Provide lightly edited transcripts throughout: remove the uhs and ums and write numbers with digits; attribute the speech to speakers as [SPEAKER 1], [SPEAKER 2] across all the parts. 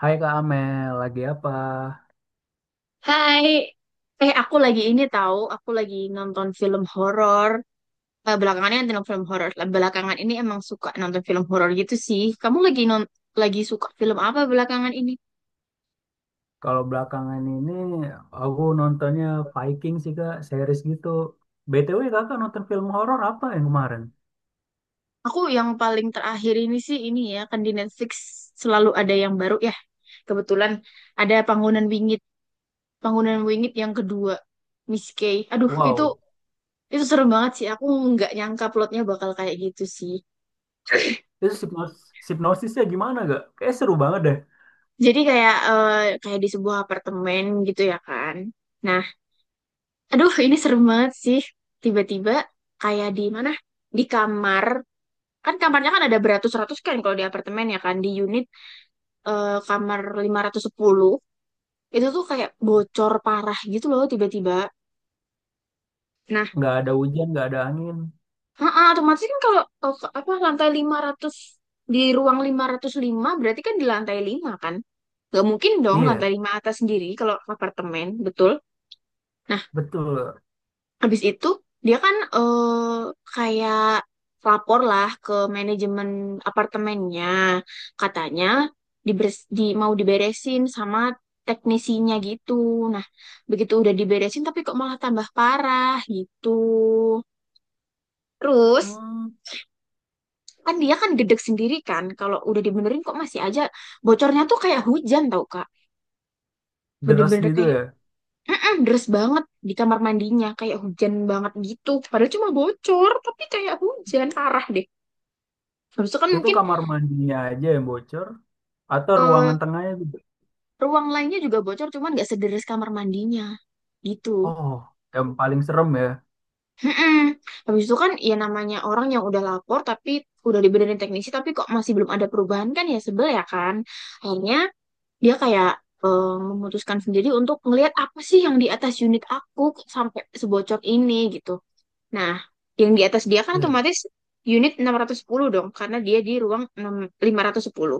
[SPEAKER 1] Hai Kak Amel, lagi apa?
[SPEAKER 2] Hai, aku lagi ini tahu, aku lagi nonton film horor. Belakangan ini nonton film horor. Belakangan ini emang suka nonton film horor gitu sih. Kamu lagi lagi suka film apa belakangan ini?
[SPEAKER 1] Kalau belakangan ini aku nontonnya Viking sih Kak, series gitu. BTW Kakak nonton film horor apa yang kemarin?
[SPEAKER 2] Aku yang paling terakhir ini sih ini ya, kan di Netflix selalu ada yang baru ya. Kebetulan ada Panggonan Wingit, Panggonan Wingit yang kedua, Miss Kay. Aduh, itu
[SPEAKER 1] Wow,
[SPEAKER 2] itu serem banget sih. Aku nggak nyangka plotnya bakal kayak gitu sih.
[SPEAKER 1] itu hipnosisnya gimana Kak? Kayak seru banget deh.
[SPEAKER 2] Jadi kayak kayak di sebuah apartemen gitu ya kan. Nah, aduh ini serem banget sih. Tiba-tiba kayak di mana? Di kamar. Kan kamarnya kan ada beratus-ratus kan kalau di apartemen ya kan. Di unit kamar 510 itu tuh kayak bocor parah gitu loh tiba-tiba. Nah,
[SPEAKER 1] Nggak ada hujan, nggak ada angin.
[SPEAKER 2] heeh, otomatis kan kalau apa lantai 500 di ruang 505 berarti kan di lantai 5 kan. Gak mungkin dong
[SPEAKER 1] Iya,
[SPEAKER 2] lantai 5 atas sendiri kalau apartemen, betul?
[SPEAKER 1] betul.
[SPEAKER 2] Habis itu dia kan kayak lapor lah ke manajemen apartemennya. Katanya mau diberesin sama teknisinya gitu. Nah, begitu udah diberesin tapi kok malah tambah parah gitu. Terus
[SPEAKER 1] Hmm,
[SPEAKER 2] kan dia kan gedeg sendiri kan kalau udah dibenerin kok masih aja bocornya tuh kayak hujan tau Kak.
[SPEAKER 1] deras
[SPEAKER 2] Bener-bener
[SPEAKER 1] gitu
[SPEAKER 2] kayak
[SPEAKER 1] ya.
[SPEAKER 2] mm-mm, deres banget di kamar mandinya kayak hujan banget gitu padahal cuma bocor tapi kayak hujan parah deh habis itu kan
[SPEAKER 1] Itu
[SPEAKER 2] mungkin
[SPEAKER 1] kamar mandinya aja yang bocor atau
[SPEAKER 2] eh,
[SPEAKER 1] ruangan tengahnya gitu?
[SPEAKER 2] ruang lainnya juga bocor cuman nggak sederes kamar mandinya gitu.
[SPEAKER 1] Oh, yang paling serem ya.
[SPEAKER 2] Mm-mm. Habis itu kan ya namanya orang yang udah lapor tapi udah dibenerin teknisi tapi kok masih belum ada perubahan kan ya sebel ya kan akhirnya dia kayak memutuskan sendiri untuk ngelihat apa sih yang di atas unit aku kok sampai sebocor ini gitu. Nah, yang di atas dia kan
[SPEAKER 1] Iya,
[SPEAKER 2] otomatis unit 610 dong, karena dia di ruang 510,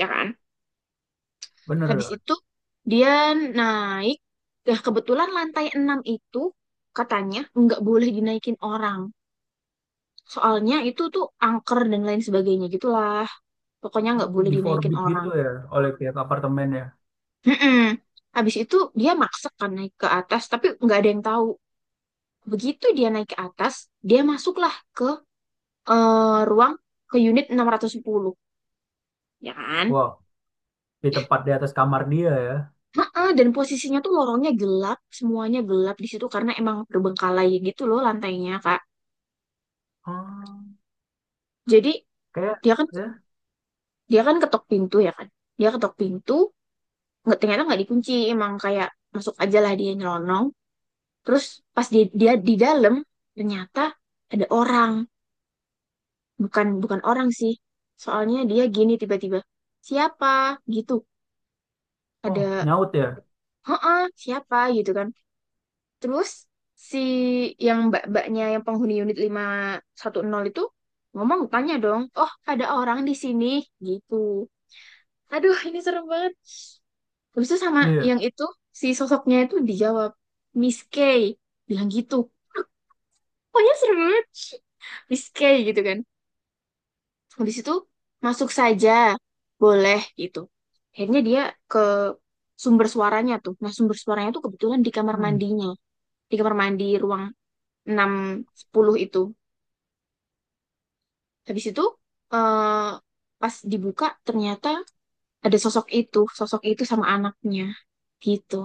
[SPEAKER 2] ya kan?
[SPEAKER 1] bener
[SPEAKER 2] Habis
[SPEAKER 1] ya.
[SPEAKER 2] itu dia naik, nah kebetulan lantai 6 itu katanya nggak boleh dinaikin orang. Soalnya itu tuh angker dan lain sebagainya gitulah. Pokoknya nggak
[SPEAKER 1] Hmm,
[SPEAKER 2] boleh
[SPEAKER 1] di
[SPEAKER 2] dinaikin
[SPEAKER 1] forbid gitu
[SPEAKER 2] orang.
[SPEAKER 1] ya oleh pihak apartemen ya.
[SPEAKER 2] Mm-mm. Habis itu dia maksa kan naik ke atas, tapi nggak ada yang tahu. Begitu dia naik ke atas, dia masuklah ke eh, ruang ke unit 610. Ya kan?
[SPEAKER 1] Wow, di tempat di atas kamar dia ya.
[SPEAKER 2] Heeh, dan posisinya tuh lorongnya gelap, semuanya gelap di situ karena emang terbengkalai gitu loh lantainya, Kak.
[SPEAKER 1] Ah,
[SPEAKER 2] Jadi
[SPEAKER 1] kayak
[SPEAKER 2] dia kan
[SPEAKER 1] ya.
[SPEAKER 2] dia kan ketok pintu ya kan. Dia ketok pintu, nggak ternyata nggak dikunci, emang kayak masuk aja lah dia nyelonong. Terus pas dia di dalam ternyata ada orang, bukan bukan orang sih. Soalnya dia gini tiba-tiba, "Siapa?" gitu.
[SPEAKER 1] Oh,
[SPEAKER 2] Ada,
[SPEAKER 1] nyaut ya.
[SPEAKER 2] "Heeh, siapa?" gitu kan. Terus si yang mbak-mbaknya yang penghuni unit 510 itu ngomong tanya dong, "Oh, ada orang di sini." gitu. Aduh, ini serem banget. Terus itu sama
[SPEAKER 1] Iya.
[SPEAKER 2] yang itu si sosoknya itu dijawab, "Miss K." bilang gitu. Pokoknya serem banget. Miss K gitu kan. Habis itu masuk saja. Boleh gitu. Akhirnya dia ke sumber suaranya tuh. Nah, sumber suaranya tuh kebetulan di kamar
[SPEAKER 1] Hmm.
[SPEAKER 2] mandinya. Di kamar mandi ruang 610 itu. Habis itu eh, pas dibuka ternyata ada sosok itu sama anaknya gitu.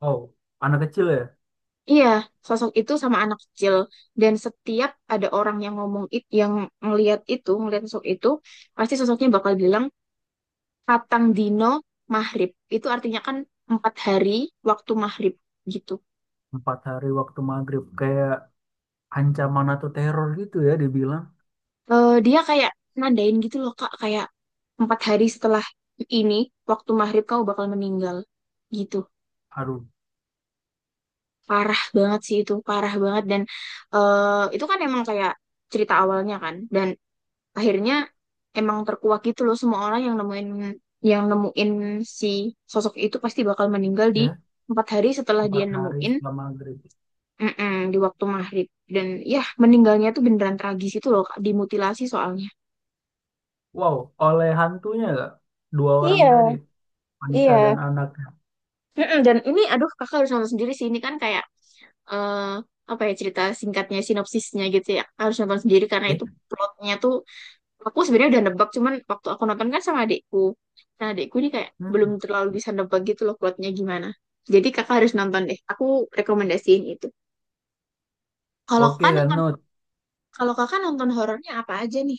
[SPEAKER 1] Oh, anak kecil ya.
[SPEAKER 2] Iya, sosok itu sama anak kecil dan setiap ada orang yang ngomong itu, yang ngelihat itu, ngelihat sosok itu, pasti sosoknya bakal bilang Patang Dino maghrib. Itu artinya kan 4 hari waktu maghrib gitu.
[SPEAKER 1] Empat hari waktu maghrib kayak ancaman atau teror gitu ya dibilang.
[SPEAKER 2] Dia kayak nandain gitu loh Kak, kayak 4 hari setelah ini waktu maghrib kamu bakal meninggal gitu.
[SPEAKER 1] Aduh,
[SPEAKER 2] Parah banget sih itu, parah banget dan itu kan emang kayak cerita awalnya kan dan akhirnya emang terkuak gitu loh semua orang yang nemuin si sosok itu pasti bakal meninggal di
[SPEAKER 1] ya.
[SPEAKER 2] 4 hari setelah dia
[SPEAKER 1] Empat hari
[SPEAKER 2] nemuin,
[SPEAKER 1] setelah maghrib.
[SPEAKER 2] mm-mm, di waktu maghrib dan ya meninggalnya tuh beneran tragis itu loh Kak, dimutilasi soalnya.
[SPEAKER 1] Wow, oleh hantunya gak? Dua orang tadi,
[SPEAKER 2] Iya,
[SPEAKER 1] wanita dan
[SPEAKER 2] iya.
[SPEAKER 1] anaknya.
[SPEAKER 2] Mm-mm, dan ini aduh kakak harus nonton sendiri sih ini kan kayak eh apa ya cerita singkatnya sinopsisnya gitu ya Kakak harus nonton sendiri karena itu
[SPEAKER 1] Ya.
[SPEAKER 2] plotnya tuh aku sebenarnya udah nebak cuman waktu aku nonton kan sama adikku nah adikku ini kayak
[SPEAKER 1] Hmm.
[SPEAKER 2] belum terlalu bisa nebak gitu loh plotnya gimana jadi kakak harus nonton deh aku rekomendasiin itu kalau
[SPEAKER 1] Oke
[SPEAKER 2] kakak
[SPEAKER 1] kan,
[SPEAKER 2] nonton,
[SPEAKER 1] Nut.
[SPEAKER 2] kalau kakak nonton horornya apa aja nih.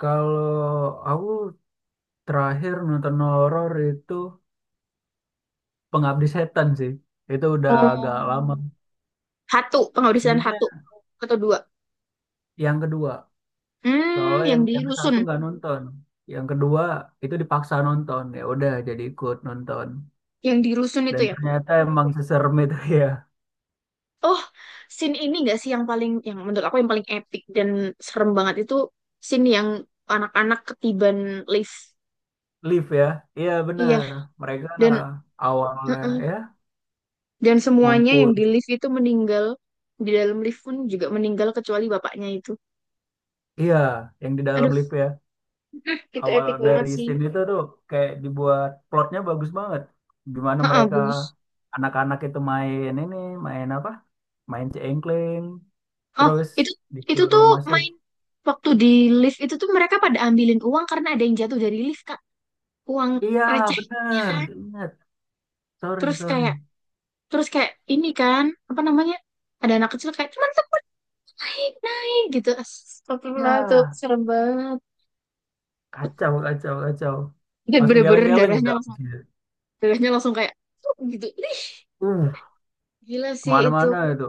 [SPEAKER 1] Kalau aku terakhir nonton horor itu Pengabdi Setan sih. Itu udah agak lama
[SPEAKER 2] Oh, Hatu penghabisan
[SPEAKER 1] sebelumnya,
[SPEAKER 2] Hatu atau dua,
[SPEAKER 1] yang kedua,
[SPEAKER 2] hmm
[SPEAKER 1] soalnya
[SPEAKER 2] yang di
[SPEAKER 1] yang ke
[SPEAKER 2] rusun,
[SPEAKER 1] satu nggak nonton, yang kedua itu dipaksa nonton, ya udah jadi ikut nonton
[SPEAKER 2] yang di rusun itu
[SPEAKER 1] dan
[SPEAKER 2] ya.
[SPEAKER 1] ternyata emang seserem itu ya.
[SPEAKER 2] Oh, scene ini gak sih yang paling yang menurut aku yang paling epic dan serem banget itu scene yang anak-anak ketiban lift,
[SPEAKER 1] Live ya, iya
[SPEAKER 2] iya
[SPEAKER 1] benar, mereka
[SPEAKER 2] dan
[SPEAKER 1] awalnya ya
[SPEAKER 2] Dan semuanya
[SPEAKER 1] ngumpul,
[SPEAKER 2] yang di lift itu meninggal. Di dalam lift pun juga meninggal kecuali bapaknya itu.
[SPEAKER 1] iya yang di dalam
[SPEAKER 2] Aduh,
[SPEAKER 1] live ya.
[SPEAKER 2] itu
[SPEAKER 1] Awal
[SPEAKER 2] epic banget
[SPEAKER 1] dari
[SPEAKER 2] sih.
[SPEAKER 1] scene itu tuh kayak dibuat plotnya bagus banget, gimana
[SPEAKER 2] Heeh,
[SPEAKER 1] mereka
[SPEAKER 2] bagus.
[SPEAKER 1] anak-anak itu main ini, main apa, main cengkling,
[SPEAKER 2] Oh,
[SPEAKER 1] terus
[SPEAKER 2] itu itu
[SPEAKER 1] disuruh
[SPEAKER 2] tuh
[SPEAKER 1] masuk.
[SPEAKER 2] main waktu di lift itu tuh mereka pada ambilin uang karena ada yang jatuh dari lift, Kak. Uang
[SPEAKER 1] Iya
[SPEAKER 2] receh, ya
[SPEAKER 1] benar,
[SPEAKER 2] kan?
[SPEAKER 1] sorry
[SPEAKER 2] Terus kayak
[SPEAKER 1] sorry
[SPEAKER 2] terus kayak ini kan, apa namanya? Ada anak kecil kayak cuman tuh naik, naik gitu. Astagfirullah, itu
[SPEAKER 1] Ya,
[SPEAKER 2] serem banget.
[SPEAKER 1] kacau.
[SPEAKER 2] Dan
[SPEAKER 1] Langsung
[SPEAKER 2] bener-bener
[SPEAKER 1] geleng-geleng gitu
[SPEAKER 2] darahnya langsung,
[SPEAKER 1] habisnya.
[SPEAKER 2] darahnya langsung kayak tuh gitu. Ih,
[SPEAKER 1] Uh,
[SPEAKER 2] gila sih itu.
[SPEAKER 1] kemana-mana itu.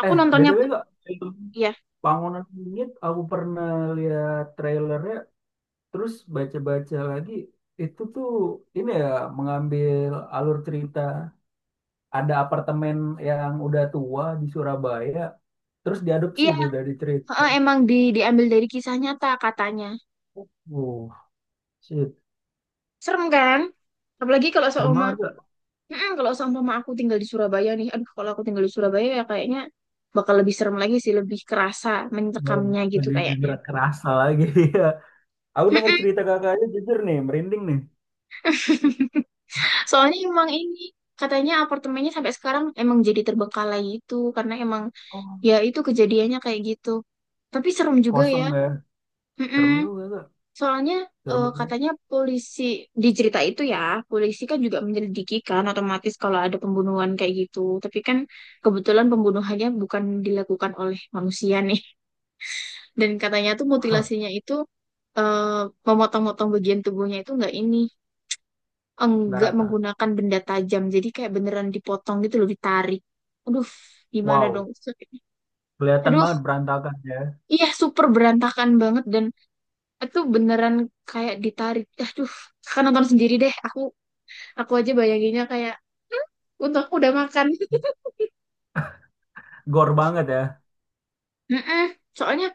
[SPEAKER 2] Aku nontonnya
[SPEAKER 1] BTW
[SPEAKER 2] pun
[SPEAKER 1] kok film
[SPEAKER 2] iya.
[SPEAKER 1] Bangunan Langit aku pernah lihat trailernya, terus baca-baca lagi. Itu tuh ini ya, mengambil alur cerita, ada apartemen yang udah tua di Surabaya, terus diadopsi
[SPEAKER 2] Iya,
[SPEAKER 1] itu dari cerita.
[SPEAKER 2] heeh, emang di diambil dari kisah nyata katanya.
[SPEAKER 1] Uh, shit.
[SPEAKER 2] Serem kan? Apalagi kalau
[SPEAKER 1] Serem
[SPEAKER 2] seumpama,
[SPEAKER 1] banget gak?
[SPEAKER 2] mm-mm, kalau seumpama aku tinggal di Surabaya nih. Aduh, kalau aku tinggal di Surabaya ya kayaknya bakal lebih serem lagi sih, lebih kerasa
[SPEAKER 1] Bang,
[SPEAKER 2] mencekamnya gitu
[SPEAKER 1] lagi
[SPEAKER 2] kayaknya.
[SPEAKER 1] gerak kerasa lagi. Aku denger
[SPEAKER 2] Mm-mm.
[SPEAKER 1] cerita kakaknya jujur nih, merinding nih.
[SPEAKER 2] Soalnya emang ini katanya apartemennya sampai sekarang emang jadi terbengkalai itu karena emang
[SPEAKER 1] Oh.
[SPEAKER 2] ya itu kejadiannya kayak gitu. Tapi serem juga
[SPEAKER 1] Kosong
[SPEAKER 2] ya.
[SPEAKER 1] nggak?
[SPEAKER 2] Mm-mm.
[SPEAKER 1] Serem lu gak?
[SPEAKER 2] Soalnya
[SPEAKER 1] Serem banget, ya.
[SPEAKER 2] katanya polisi di cerita itu ya, polisi kan juga menyelidiki kan otomatis kalau ada pembunuhan kayak gitu. Tapi kan kebetulan pembunuhannya bukan dilakukan oleh manusia nih. Dan katanya tuh
[SPEAKER 1] Wah,
[SPEAKER 2] mutilasinya itu eh, memotong-motong bagian tubuhnya itu
[SPEAKER 1] nggak
[SPEAKER 2] enggak
[SPEAKER 1] rata.
[SPEAKER 2] menggunakan benda tajam. Jadi kayak beneran dipotong gitu loh, ditarik. Aduh, gimana dong?
[SPEAKER 1] Wow, kelihatan
[SPEAKER 2] Aduh,
[SPEAKER 1] banget berantakan ya.
[SPEAKER 2] iya super berantakan banget dan itu beneran kayak ditarik. Aduh, kakak nonton sendiri deh. Aku aja bayanginnya kayak untuk aku udah makan.
[SPEAKER 1] Gor banget ya.
[SPEAKER 2] Mm-mm. Soalnya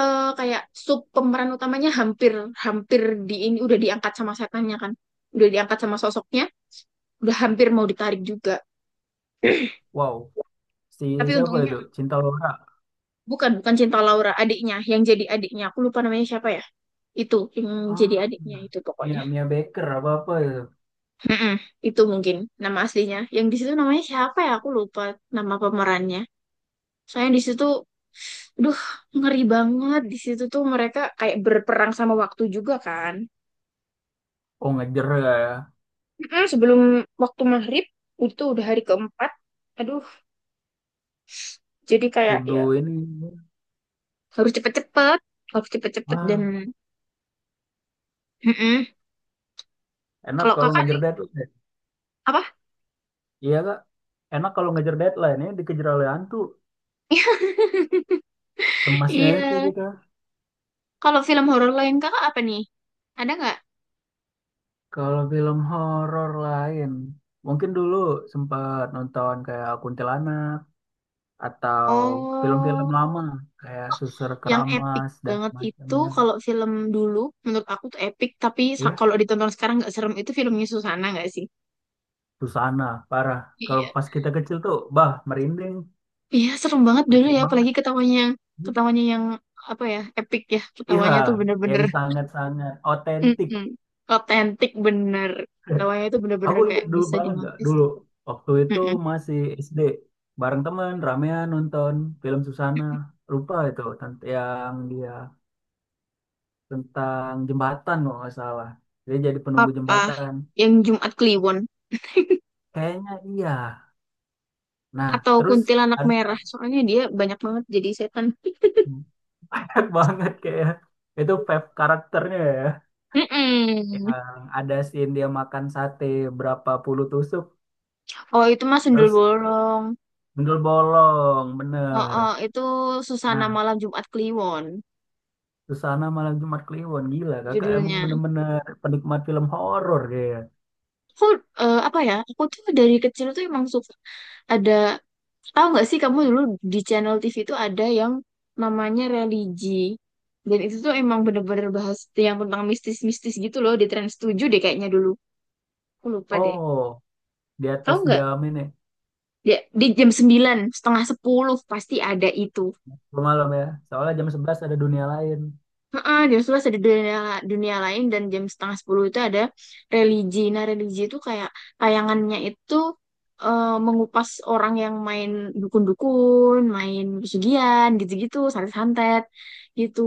[SPEAKER 2] kayak sub pemeran utamanya hampir hampir di ini udah diangkat sama setannya kan. Udah diangkat sama sosoknya, udah hampir mau ditarik juga.
[SPEAKER 1] Wow, si
[SPEAKER 2] Tapi
[SPEAKER 1] siapa
[SPEAKER 2] untungnya
[SPEAKER 1] itu? Cinta Laura.
[SPEAKER 2] bukan bukan Cinta Laura, adiknya yang jadi adiknya. Aku lupa namanya siapa ya. Itu yang jadi
[SPEAKER 1] Ah,
[SPEAKER 2] adiknya itu
[SPEAKER 1] Mia,
[SPEAKER 2] pokoknya.
[SPEAKER 1] Mia Baker apa-apa itu.
[SPEAKER 2] Mm-mm. Itu mungkin nama aslinya. Yang di situ namanya siapa ya? Aku lupa nama pemerannya. Saya di situ, duh, ngeri banget. Di situ tuh mereka kayak berperang sama waktu juga kan.
[SPEAKER 1] Oh, ngejer ya.
[SPEAKER 2] Mm-mm, sebelum waktu maghrib, itu udah hari keempat. Aduh, jadi kayak
[SPEAKER 1] Kudu
[SPEAKER 2] ya
[SPEAKER 1] ini.
[SPEAKER 2] harus cepet-cepet, harus cepet-cepet dan
[SPEAKER 1] Ah,
[SPEAKER 2] mm-mm.
[SPEAKER 1] enak
[SPEAKER 2] Kalau
[SPEAKER 1] kalau
[SPEAKER 2] kakak
[SPEAKER 1] ngejar
[SPEAKER 2] nih
[SPEAKER 1] deadline, ya.
[SPEAKER 2] apa?
[SPEAKER 1] Iya, Kak. Enak kalau ngejar deadline. Ini dikejar oleh hantu. Cemasnya itu
[SPEAKER 2] Iya.
[SPEAKER 1] gitu.
[SPEAKER 2] Kalau film horor lain kakak apa nih? Ada nggak?
[SPEAKER 1] Kalau film horor lain. Mungkin dulu sempat nonton kayak Kuntilanak, atau film-film
[SPEAKER 2] Oh,
[SPEAKER 1] lama kayak Suster
[SPEAKER 2] yang epic
[SPEAKER 1] Keramas dan
[SPEAKER 2] banget itu
[SPEAKER 1] semacamnya.
[SPEAKER 2] kalau film dulu menurut aku tuh epic, tapi
[SPEAKER 1] Ya,
[SPEAKER 2] kalau ditonton sekarang nggak serem itu filmnya Susana nggak sih?
[SPEAKER 1] Susana parah, kalau
[SPEAKER 2] Iya.
[SPEAKER 1] pas kita kecil tuh bah merinding,
[SPEAKER 2] Iya, serem banget dulu ya,
[SPEAKER 1] percuma banget,
[SPEAKER 2] apalagi ketawanya yang apa ya, epic ya.
[SPEAKER 1] iya
[SPEAKER 2] Ketawanya tuh
[SPEAKER 1] yang
[SPEAKER 2] bener-bener
[SPEAKER 1] sangat-sangat otentik.
[SPEAKER 2] mm-mm, otentik bener. Ketawanya tuh bener-bener
[SPEAKER 1] Aku
[SPEAKER 2] kayak
[SPEAKER 1] inget dulu,
[SPEAKER 2] bisa
[SPEAKER 1] banget gak
[SPEAKER 2] dinotis.
[SPEAKER 1] dulu waktu itu
[SPEAKER 2] Mm-mm.
[SPEAKER 1] masih SD bareng temen ramean nonton film Susana, lupa itu yang dia tentang jembatan kalau nggak salah, dia jadi penunggu
[SPEAKER 2] Apa
[SPEAKER 1] jembatan
[SPEAKER 2] yang Jumat Kliwon
[SPEAKER 1] kayaknya, iya nah.
[SPEAKER 2] atau
[SPEAKER 1] Terus
[SPEAKER 2] Kuntilanak
[SPEAKER 1] ada
[SPEAKER 2] Merah, soalnya dia banyak banget jadi setan.
[SPEAKER 1] banyak banget kayak itu vape karakternya ya,
[SPEAKER 2] Mm-mm.
[SPEAKER 1] yang ada scene dia makan sate berapa puluh tusuk,
[SPEAKER 2] Oh, itu mah Sundel
[SPEAKER 1] terus
[SPEAKER 2] Bolong.
[SPEAKER 1] bentul bolong
[SPEAKER 2] Oh,
[SPEAKER 1] bener.
[SPEAKER 2] oh, itu Susana
[SPEAKER 1] Nah,
[SPEAKER 2] Malam Jumat Kliwon
[SPEAKER 1] Susana Malam Jumat Kliwon, gila kakak emang
[SPEAKER 2] judulnya.
[SPEAKER 1] bener-bener penikmat film horor kayak.
[SPEAKER 2] Aku apa ya? Aku tuh dari kecil tuh emang suka ada. Tahu nggak sih kamu dulu di channel TV itu ada yang namanya religi. Dan itu tuh emang bener-bener bahas yang tentang mistis-mistis gitu loh di Trans 7 deh kayaknya dulu. Aku lupa deh.
[SPEAKER 1] Oh, di atas
[SPEAKER 2] Tahu nggak?
[SPEAKER 1] jam ini
[SPEAKER 2] Ya, di jam 9 setengah 10 pasti ada itu.
[SPEAKER 1] malam ya, soalnya jam 11 ada dunia lain.
[SPEAKER 2] Heeh, jam 11 ada dunia, dunia lain dan jam setengah 10 itu ada religi. Nah, religi itu kayak tayangannya itu mengupas orang yang main dukun-dukun, main pesugihan, gitu-gitu, santet-santet gitu.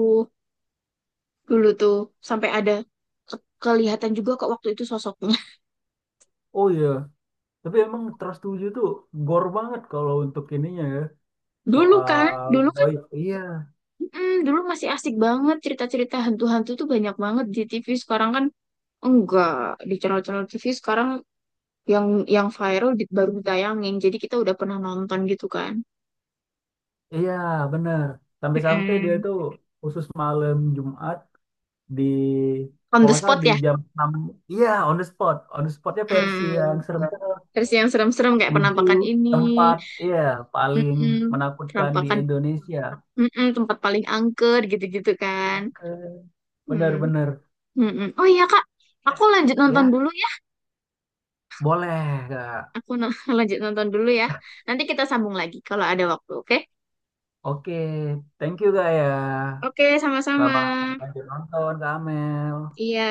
[SPEAKER 2] Dulu tuh sampai ada ke- kelihatan juga kok waktu itu sosoknya.
[SPEAKER 1] Oh iya, tapi emang Trust 7 tuh gore banget kalau untuk ininya ya,
[SPEAKER 2] Dulu kan,
[SPEAKER 1] soal
[SPEAKER 2] dulu kan,
[SPEAKER 1] goib iya.
[SPEAKER 2] mm, dulu masih asik banget cerita-cerita hantu-hantu tuh banyak banget di TV. Sekarang kan enggak di channel-channel TV sekarang yang viral di, baru ditayangin. Jadi kita udah pernah nonton gitu kan.
[SPEAKER 1] Iya, bener. Sampai-sampai dia
[SPEAKER 2] Mm-mm.
[SPEAKER 1] tuh khusus malam Jumat, di
[SPEAKER 2] On
[SPEAKER 1] kalau
[SPEAKER 2] the
[SPEAKER 1] nggak salah
[SPEAKER 2] spot
[SPEAKER 1] di
[SPEAKER 2] ya.
[SPEAKER 1] jam enam. Iya, on the spot. On the spotnya versi yang
[SPEAKER 2] Mm.
[SPEAKER 1] serem-serem.
[SPEAKER 2] Terus yang serem-serem kayak
[SPEAKER 1] Tujuh
[SPEAKER 2] penampakan ini,
[SPEAKER 1] tempat, iya, paling
[SPEAKER 2] mm
[SPEAKER 1] menakutkan di
[SPEAKER 2] Penampakan
[SPEAKER 1] Indonesia.
[SPEAKER 2] mm tempat paling angker gitu-gitu kan.
[SPEAKER 1] Oke.
[SPEAKER 2] Hmm.
[SPEAKER 1] Bener-bener.
[SPEAKER 2] Mm-mm. Oh iya Kak, aku lanjut nonton
[SPEAKER 1] Ya,
[SPEAKER 2] dulu ya.
[SPEAKER 1] boleh, Kak.
[SPEAKER 2] Aku lanjut nonton dulu ya. Nanti kita sambung lagi kalau ada waktu, oke?
[SPEAKER 1] Oke, thank you, Kak, ya.
[SPEAKER 2] Oke, sama-sama.
[SPEAKER 1] Selamat lanjut nonton, Kak Amel.
[SPEAKER 2] Iya.